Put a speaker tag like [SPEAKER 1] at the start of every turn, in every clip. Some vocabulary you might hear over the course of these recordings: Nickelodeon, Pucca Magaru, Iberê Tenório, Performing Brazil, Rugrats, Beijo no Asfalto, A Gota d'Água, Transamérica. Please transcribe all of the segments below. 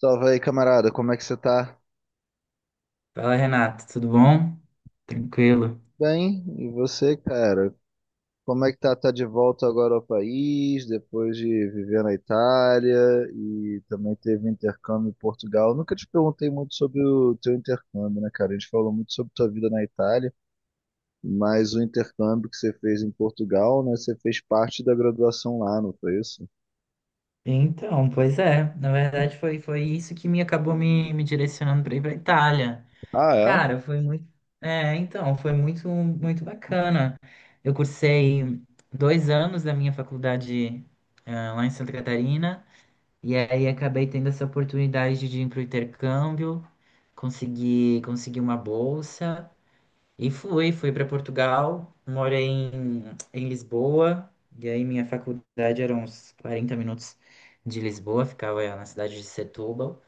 [SPEAKER 1] Salve aí, camarada, como é que você tá?
[SPEAKER 2] Fala, Renato, tudo bom? Tranquilo.
[SPEAKER 1] Bem, e você, cara? Como é que tá? Tá de volta agora ao país, depois de viver na Itália e também teve intercâmbio em Portugal. Nunca te perguntei muito sobre o teu intercâmbio, né, cara? A gente falou muito sobre tua vida na Itália, mas o intercâmbio que você fez em Portugal, né? Você fez parte da graduação lá, não foi isso?
[SPEAKER 2] Na verdade foi isso que me acabou me direcionando para ir para Itália.
[SPEAKER 1] Ah, é?
[SPEAKER 2] Cara, foi muito, é, então, foi muito muito bacana. Eu cursei 2 anos da minha faculdade lá em Santa Catarina, e aí acabei tendo essa oportunidade de ir para o intercâmbio, consegui uma bolsa. E fui para Portugal, moro em Lisboa, e aí minha faculdade era uns 40 minutos de Lisboa, ficava na cidade de Setúbal.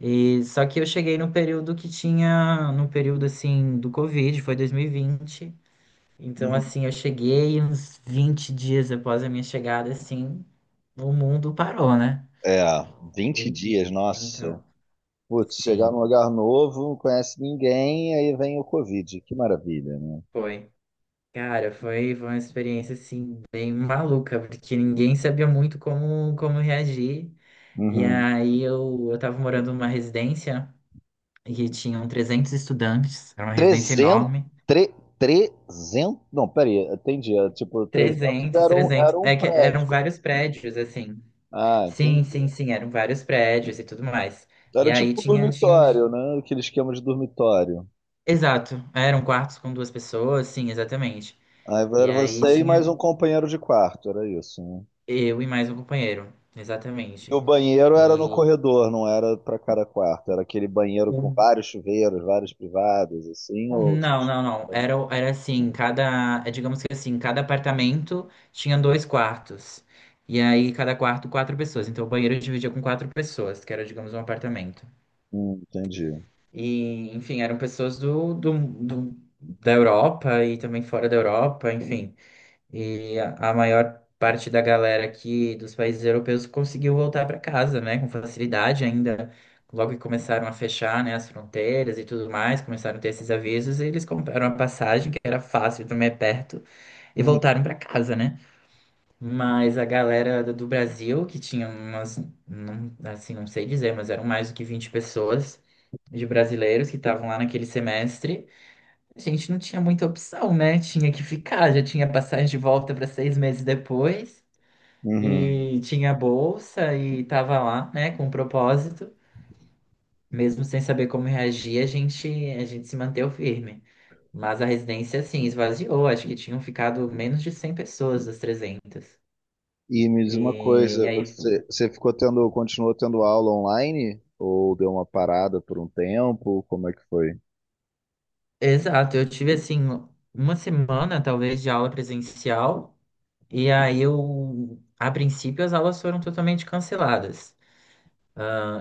[SPEAKER 2] E só que eu cheguei no período que tinha, no período assim do Covid, foi 2020. Então
[SPEAKER 1] Uhum.
[SPEAKER 2] assim, eu cheguei uns 20 dias após a minha chegada, assim, o mundo parou, né?
[SPEAKER 1] É, 20
[SPEAKER 2] En-
[SPEAKER 1] dias, nossa.
[SPEAKER 2] Então,
[SPEAKER 1] Putz,
[SPEAKER 2] sim,
[SPEAKER 1] chegar num lugar novo, não conhece ninguém, aí vem o Covid. Que maravilha, né?
[SPEAKER 2] foi. Cara, foi uma experiência assim bem maluca, porque ninguém sabia muito como reagir. E
[SPEAKER 1] Uhum.
[SPEAKER 2] aí eu tava morando numa residência e tinham 300 estudantes, era uma residência
[SPEAKER 1] 300,
[SPEAKER 2] enorme.
[SPEAKER 1] 300? Não, peraí, entendi. É, tipo, 300
[SPEAKER 2] trezentos
[SPEAKER 1] era um,
[SPEAKER 2] trezentos
[SPEAKER 1] era um
[SPEAKER 2] é que eram
[SPEAKER 1] prédio.
[SPEAKER 2] vários prédios assim.
[SPEAKER 1] Ah,
[SPEAKER 2] Sim,
[SPEAKER 1] entendi.
[SPEAKER 2] sim, sim, eram vários prédios e tudo mais. E
[SPEAKER 1] Era
[SPEAKER 2] aí
[SPEAKER 1] tipo um
[SPEAKER 2] tinha um.
[SPEAKER 1] dormitório, né? Aquele esquema de dormitório.
[SPEAKER 2] Exato, eram quartos com duas pessoas, sim, exatamente.
[SPEAKER 1] Aí
[SPEAKER 2] E
[SPEAKER 1] era
[SPEAKER 2] aí
[SPEAKER 1] você e mais
[SPEAKER 2] tinha
[SPEAKER 1] um companheiro de quarto, era isso, né?
[SPEAKER 2] eu e mais um companheiro,
[SPEAKER 1] E
[SPEAKER 2] exatamente.
[SPEAKER 1] o banheiro era no
[SPEAKER 2] E
[SPEAKER 1] corredor, não era pra cada quarto. Era aquele banheiro com
[SPEAKER 2] o
[SPEAKER 1] vários chuveiros, vários privados, assim, ou...
[SPEAKER 2] Não, não, não. Era assim, cada, é, digamos que assim, cada apartamento tinha dois quartos. E aí, cada quarto, quatro pessoas. Então, o banheiro dividia com quatro pessoas, que era, digamos, um apartamento.
[SPEAKER 1] Entendi.
[SPEAKER 2] E, enfim, eram pessoas da Europa e também fora da Europa, enfim. E a maior parte da galera aqui dos países europeus conseguiu voltar para casa, né, com facilidade ainda. Logo que começaram a fechar, né, as fronteiras e tudo mais, começaram a ter esses avisos, e eles compraram a passagem, que era fácil, também é perto, e
[SPEAKER 1] Uhum.
[SPEAKER 2] voltaram para casa, né? Mas a galera do Brasil, que tinha umas, não, assim, não sei dizer, mas eram mais do que 20 pessoas de brasileiros que estavam lá naquele semestre, a gente não tinha muita opção, né? Tinha que ficar, já tinha passagem de volta para 6 meses depois,
[SPEAKER 1] Uhum.
[SPEAKER 2] e tinha bolsa e tava lá, né, com propósito. Mesmo sem saber como reagir, a gente se manteve firme. Mas a residência, assim, esvaziou. Acho que tinham ficado menos de 100 pessoas das 300.
[SPEAKER 1] E me diz uma
[SPEAKER 2] E
[SPEAKER 1] coisa,
[SPEAKER 2] aí,
[SPEAKER 1] você ficou tendo, continuou tendo aula online ou deu uma parada por um tempo? Como é que foi?
[SPEAKER 2] exato, eu tive, assim, uma semana, talvez, de aula presencial. E aí a princípio, as aulas foram totalmente canceladas.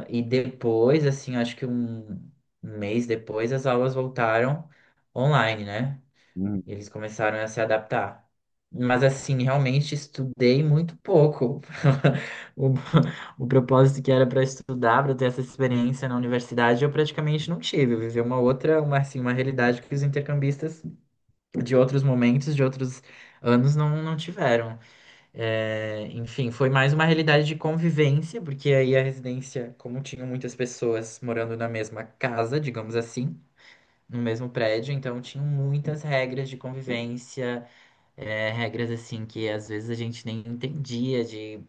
[SPEAKER 2] E depois, assim, acho que um mês depois, as aulas voltaram online, né?
[SPEAKER 1] Uhum.
[SPEAKER 2] E eles começaram a se adaptar. Mas, assim, realmente estudei muito pouco. O, o propósito que era para estudar, para ter essa experiência na universidade, eu praticamente não tive. Eu vivi uma outra, uma, assim, uma realidade que os intercambistas de outros momentos, de outros anos, não tiveram. É, enfim, foi mais uma realidade de convivência, porque aí a residência, como tinham muitas pessoas morando na mesma casa, digamos assim, no mesmo prédio, então tinham muitas regras de convivência, é, regras assim que às vezes a gente nem entendia de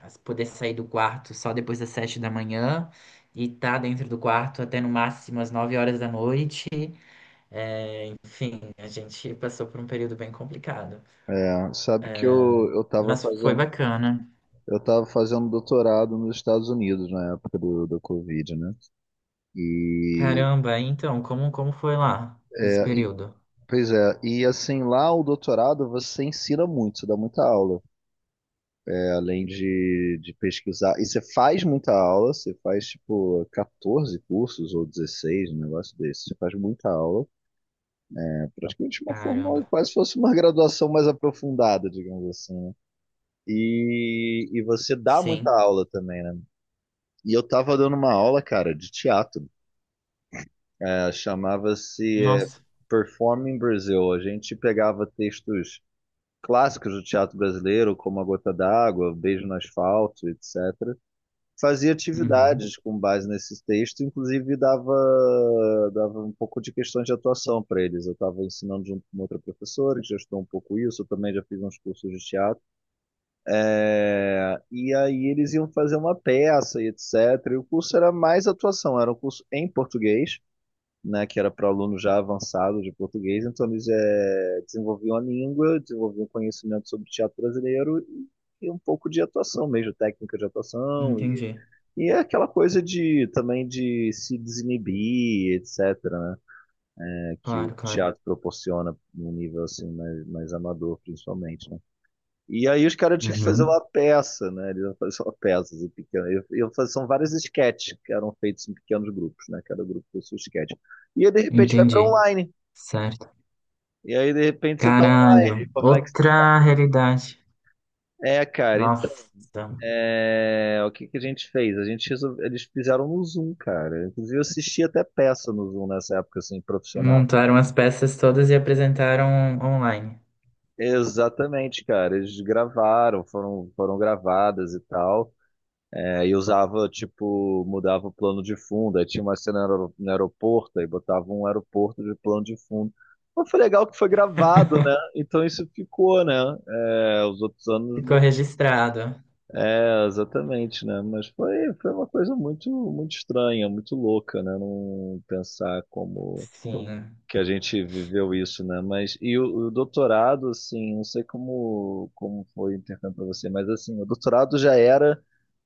[SPEAKER 2] poder sair do quarto só depois das 7 da manhã e estar dentro do quarto até no máximo às 9 horas da noite. Enfim, a gente passou por um período bem complicado,
[SPEAKER 1] É, sabe que eu tava
[SPEAKER 2] mas foi
[SPEAKER 1] fazendo,
[SPEAKER 2] bacana.
[SPEAKER 1] eu tava fazendo doutorado nos Estados Unidos na época do Covid, né? E,
[SPEAKER 2] Caramba, então, como foi lá esse
[SPEAKER 1] e-
[SPEAKER 2] período?
[SPEAKER 1] Pois é, e assim, lá o doutorado você ensina muito, você dá muita aula. É, além de pesquisar. E você faz muita aula, você faz tipo 14 cursos ou 16, um negócio desse, você faz muita aula. Praticamente uma formal,
[SPEAKER 2] Caramba.
[SPEAKER 1] quase fosse uma graduação mais aprofundada, digamos assim, né? E você dá muita
[SPEAKER 2] Sim.
[SPEAKER 1] aula também, né? E eu tava dando uma aula, cara, de teatro. É, chamava-se
[SPEAKER 2] Nossa.
[SPEAKER 1] Performing Brazil. A gente pegava textos clássicos do teatro brasileiro, como A Gota d'Água, Beijo no Asfalto, etc. Fazia
[SPEAKER 2] Uhum.
[SPEAKER 1] atividades com base nesses textos, inclusive dava um pouco de questões de atuação para eles. Eu estava ensinando junto com outra professora, que já estudou um pouco isso, eu também já fiz uns cursos de teatro. É, e aí eles iam fazer uma peça e etc. E o curso era mais atuação, era um curso em português. Né, que era para aluno já avançado de português, então eles desenvolviam a língua, desenvolviam conhecimento sobre teatro brasileiro e um pouco de atuação mesmo, técnica de atuação e
[SPEAKER 2] Entendi.
[SPEAKER 1] e é aquela coisa de também de se desinibir, etc., né? É que o
[SPEAKER 2] Claro, claro.
[SPEAKER 1] teatro proporciona num nível assim mais amador, principalmente, né? E aí os caras tinham que fazer uma
[SPEAKER 2] Uhum.
[SPEAKER 1] peça, né? Eles iam fazer uma peça assim, pequena. São vários sketches que eram feitos em pequenos grupos, né? Cada grupo fez seu sketch. E aí, de repente vai para
[SPEAKER 2] Entendi.
[SPEAKER 1] online.
[SPEAKER 2] Certo.
[SPEAKER 1] E aí de repente você tá
[SPEAKER 2] Caralho.
[SPEAKER 1] online. Como é que você...
[SPEAKER 2] Outra realidade.
[SPEAKER 1] É, cara.
[SPEAKER 2] Nossa.
[SPEAKER 1] É, o que que a gente fez? Eles fizeram no Zoom, cara. Inclusive, eu assisti até peça no Zoom nessa época, assim, profissional.
[SPEAKER 2] Montaram as peças todas e apresentaram online.
[SPEAKER 1] Exatamente, cara. Eles gravaram, foram gravadas e tal. É, e usava, tipo, mudava o plano de fundo. Aí tinha uma cena no aeroporto, aí botava um aeroporto de plano de fundo. Mas foi legal que foi gravado, né? Então isso ficou, né? É, os outros anos.
[SPEAKER 2] Ficou registrado.
[SPEAKER 1] É, exatamente, né? Mas foi uma coisa muito, muito estranha, muito louca, né? Não pensar como
[SPEAKER 2] Sim,
[SPEAKER 1] que a gente viveu isso, né? Mas e o doutorado, assim, não sei como foi o intercâmbio para você, mas assim, o doutorado já era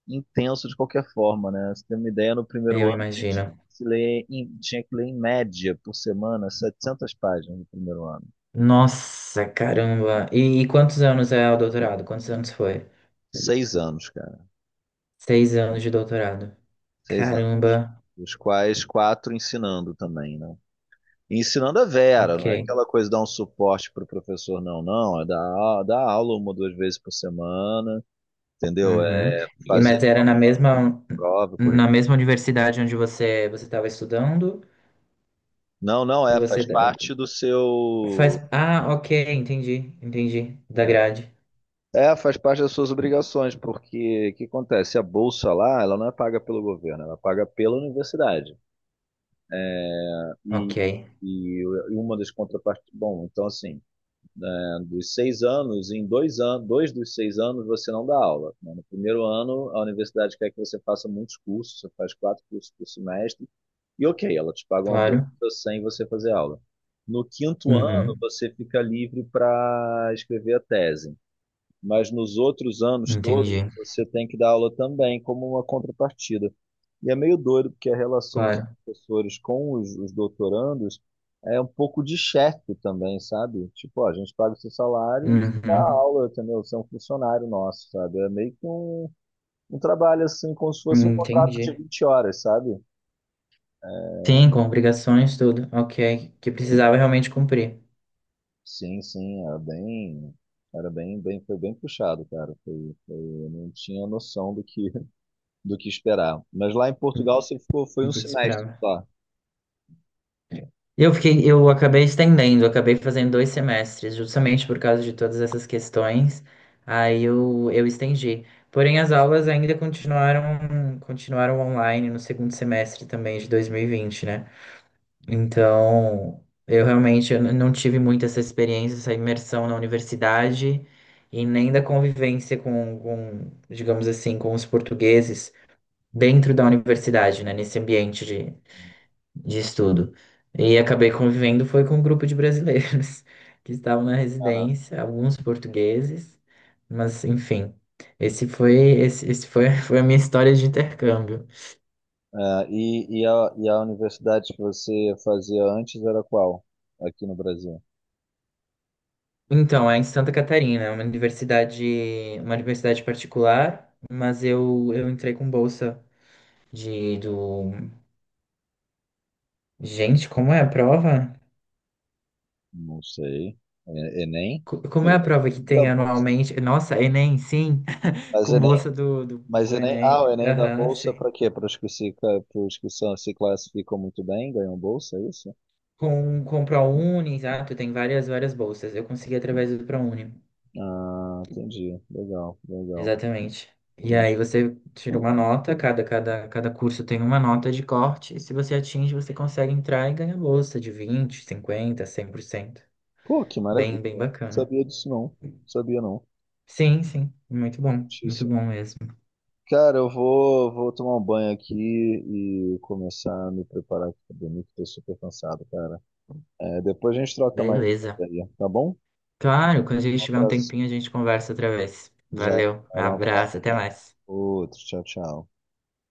[SPEAKER 1] intenso de qualquer forma, né? Você tem uma ideia, no primeiro
[SPEAKER 2] eu
[SPEAKER 1] ano a gente
[SPEAKER 2] imagino.
[SPEAKER 1] se lê em- tinha que ler em média por semana 700 páginas no primeiro ano.
[SPEAKER 2] Nossa, caramba. E quantos anos é o doutorado? Quantos anos foi?
[SPEAKER 1] Seis anos, cara,
[SPEAKER 2] 6 anos de doutorado.
[SPEAKER 1] 6 anos,
[SPEAKER 2] Caramba.
[SPEAKER 1] dos quais quatro ensinando também, né? E ensinando a Vera,
[SPEAKER 2] Ok.
[SPEAKER 1] não é aquela coisa de dar um suporte para o professor, não, não, é dar aula uma ou duas vezes por semana, entendeu?
[SPEAKER 2] Uhum.
[SPEAKER 1] É
[SPEAKER 2] E
[SPEAKER 1] fazer
[SPEAKER 2] mas era na mesma
[SPEAKER 1] prova, corrigir.
[SPEAKER 2] universidade onde você estava estudando
[SPEAKER 1] Não, não,
[SPEAKER 2] que
[SPEAKER 1] é,
[SPEAKER 2] você
[SPEAKER 1] faz parte do
[SPEAKER 2] faz
[SPEAKER 1] seu.
[SPEAKER 2] Ah, ok, entendi, entendi da grade.
[SPEAKER 1] É, faz parte das suas obrigações, porque o que acontece? A bolsa lá, ela não é paga pelo governo, ela é paga pela universidade. E,
[SPEAKER 2] Ok,
[SPEAKER 1] e uma das contrapartes. Bom, então assim. Né, dos 6 anos, em 2 anos, dois dos 6 anos você não dá aula. Né? No primeiro ano, a universidade quer que você faça muitos cursos, você faz quatro cursos por semestre, e ok, ela te paga uma bolsa
[SPEAKER 2] claro.
[SPEAKER 1] sem você fazer aula. No quinto ano,
[SPEAKER 2] Uhum.
[SPEAKER 1] você fica livre para escrever a tese, mas nos outros anos
[SPEAKER 2] Entendi,
[SPEAKER 1] todos você tem que dar aula também como uma contrapartida. E é meio doido porque a relação dos
[SPEAKER 2] claro.
[SPEAKER 1] professores com os doutorandos é um pouco de chefe também, sabe? Tipo, ó, a gente paga o seu salário e você dá
[SPEAKER 2] Uhum.
[SPEAKER 1] aula, entendeu? Você é um funcionário nosso, sabe? É meio que um, trabalho assim, como se fosse um contrato de
[SPEAKER 2] Entendi.
[SPEAKER 1] 20 horas, sabe?
[SPEAKER 2] Sim, com obrigações, tudo. Ok, que precisava realmente cumprir.
[SPEAKER 1] Sim, sim, era bem, foi bem puxado, cara. Foi, eu não tinha noção do que esperar. Mas lá em Portugal você ficou,
[SPEAKER 2] E
[SPEAKER 1] foi um
[SPEAKER 2] que te
[SPEAKER 1] semestre
[SPEAKER 2] esperava.
[SPEAKER 1] só.
[SPEAKER 2] Eu fiquei, eu acabei estendendo, eu acabei fazendo 2 semestres, justamente por causa de todas essas questões. Aí eu estendi. Porém, as aulas ainda continuaram online no segundo semestre também de 2020, né? Então, eu realmente não tive muito essa experiência, essa imersão na universidade e nem da convivência com, digamos assim, com os portugueses dentro da universidade, né? Nesse ambiente de estudo. E acabei convivendo foi com um grupo de brasileiros que estavam na
[SPEAKER 1] Era,
[SPEAKER 2] residência, alguns portugueses, mas enfim, esse foi esse, esse foi, foi a minha história de intercâmbio.
[SPEAKER 1] e a universidade que você fazia antes era qual? Aqui no Brasil?
[SPEAKER 2] Então, é em Santa Catarina, é uma universidade particular, mas eu entrei com bolsa de do Gente, como é a prova?
[SPEAKER 1] Não sei. Enem?
[SPEAKER 2] Como é
[SPEAKER 1] Sim,
[SPEAKER 2] a prova que
[SPEAKER 1] da
[SPEAKER 2] tem
[SPEAKER 1] bolsa.
[SPEAKER 2] anualmente? Nossa, Enem, sim,
[SPEAKER 1] Mas
[SPEAKER 2] com
[SPEAKER 1] Enem,
[SPEAKER 2] bolsa
[SPEAKER 1] mas
[SPEAKER 2] do
[SPEAKER 1] Enem, ah, o
[SPEAKER 2] Enem.
[SPEAKER 1] Enem da
[SPEAKER 2] Aham,
[SPEAKER 1] bolsa
[SPEAKER 2] sim.
[SPEAKER 1] para quê? Para os que são, se classificam muito bem, ganham bolsa, é isso?
[SPEAKER 2] Com o ProUni, exato, tem várias bolsas. Eu consegui através do ProUni,
[SPEAKER 1] Ah, entendi. Legal, legal.
[SPEAKER 2] exatamente. E
[SPEAKER 1] Entendi.
[SPEAKER 2] aí você tira uma nota, cada curso tem uma nota de corte, e se você atinge, você consegue entrar e ganhar bolsa de 20%, 50%, 100%.
[SPEAKER 1] Pô, que
[SPEAKER 2] Bem, bem
[SPEAKER 1] maravilha.
[SPEAKER 2] bacana.
[SPEAKER 1] Sabia disso não. Sabia não.
[SPEAKER 2] Sim, sim, muito
[SPEAKER 1] Notícia.
[SPEAKER 2] bom mesmo.
[SPEAKER 1] Cara, eu vou tomar um banho aqui e começar a me preparar aqui pra dormir, que tô super cansado, cara. É, depois a gente troca mais
[SPEAKER 2] Beleza.
[SPEAKER 1] ideia, tá bom?
[SPEAKER 2] Claro, quando a
[SPEAKER 1] Um
[SPEAKER 2] gente tiver um
[SPEAKER 1] abraço.
[SPEAKER 2] tempinho, a gente conversa outra vez.
[SPEAKER 1] Já
[SPEAKER 2] Valeu,
[SPEAKER 1] era um abraço.
[SPEAKER 2] abraço, até mais.
[SPEAKER 1] Outro. Tchau, tchau.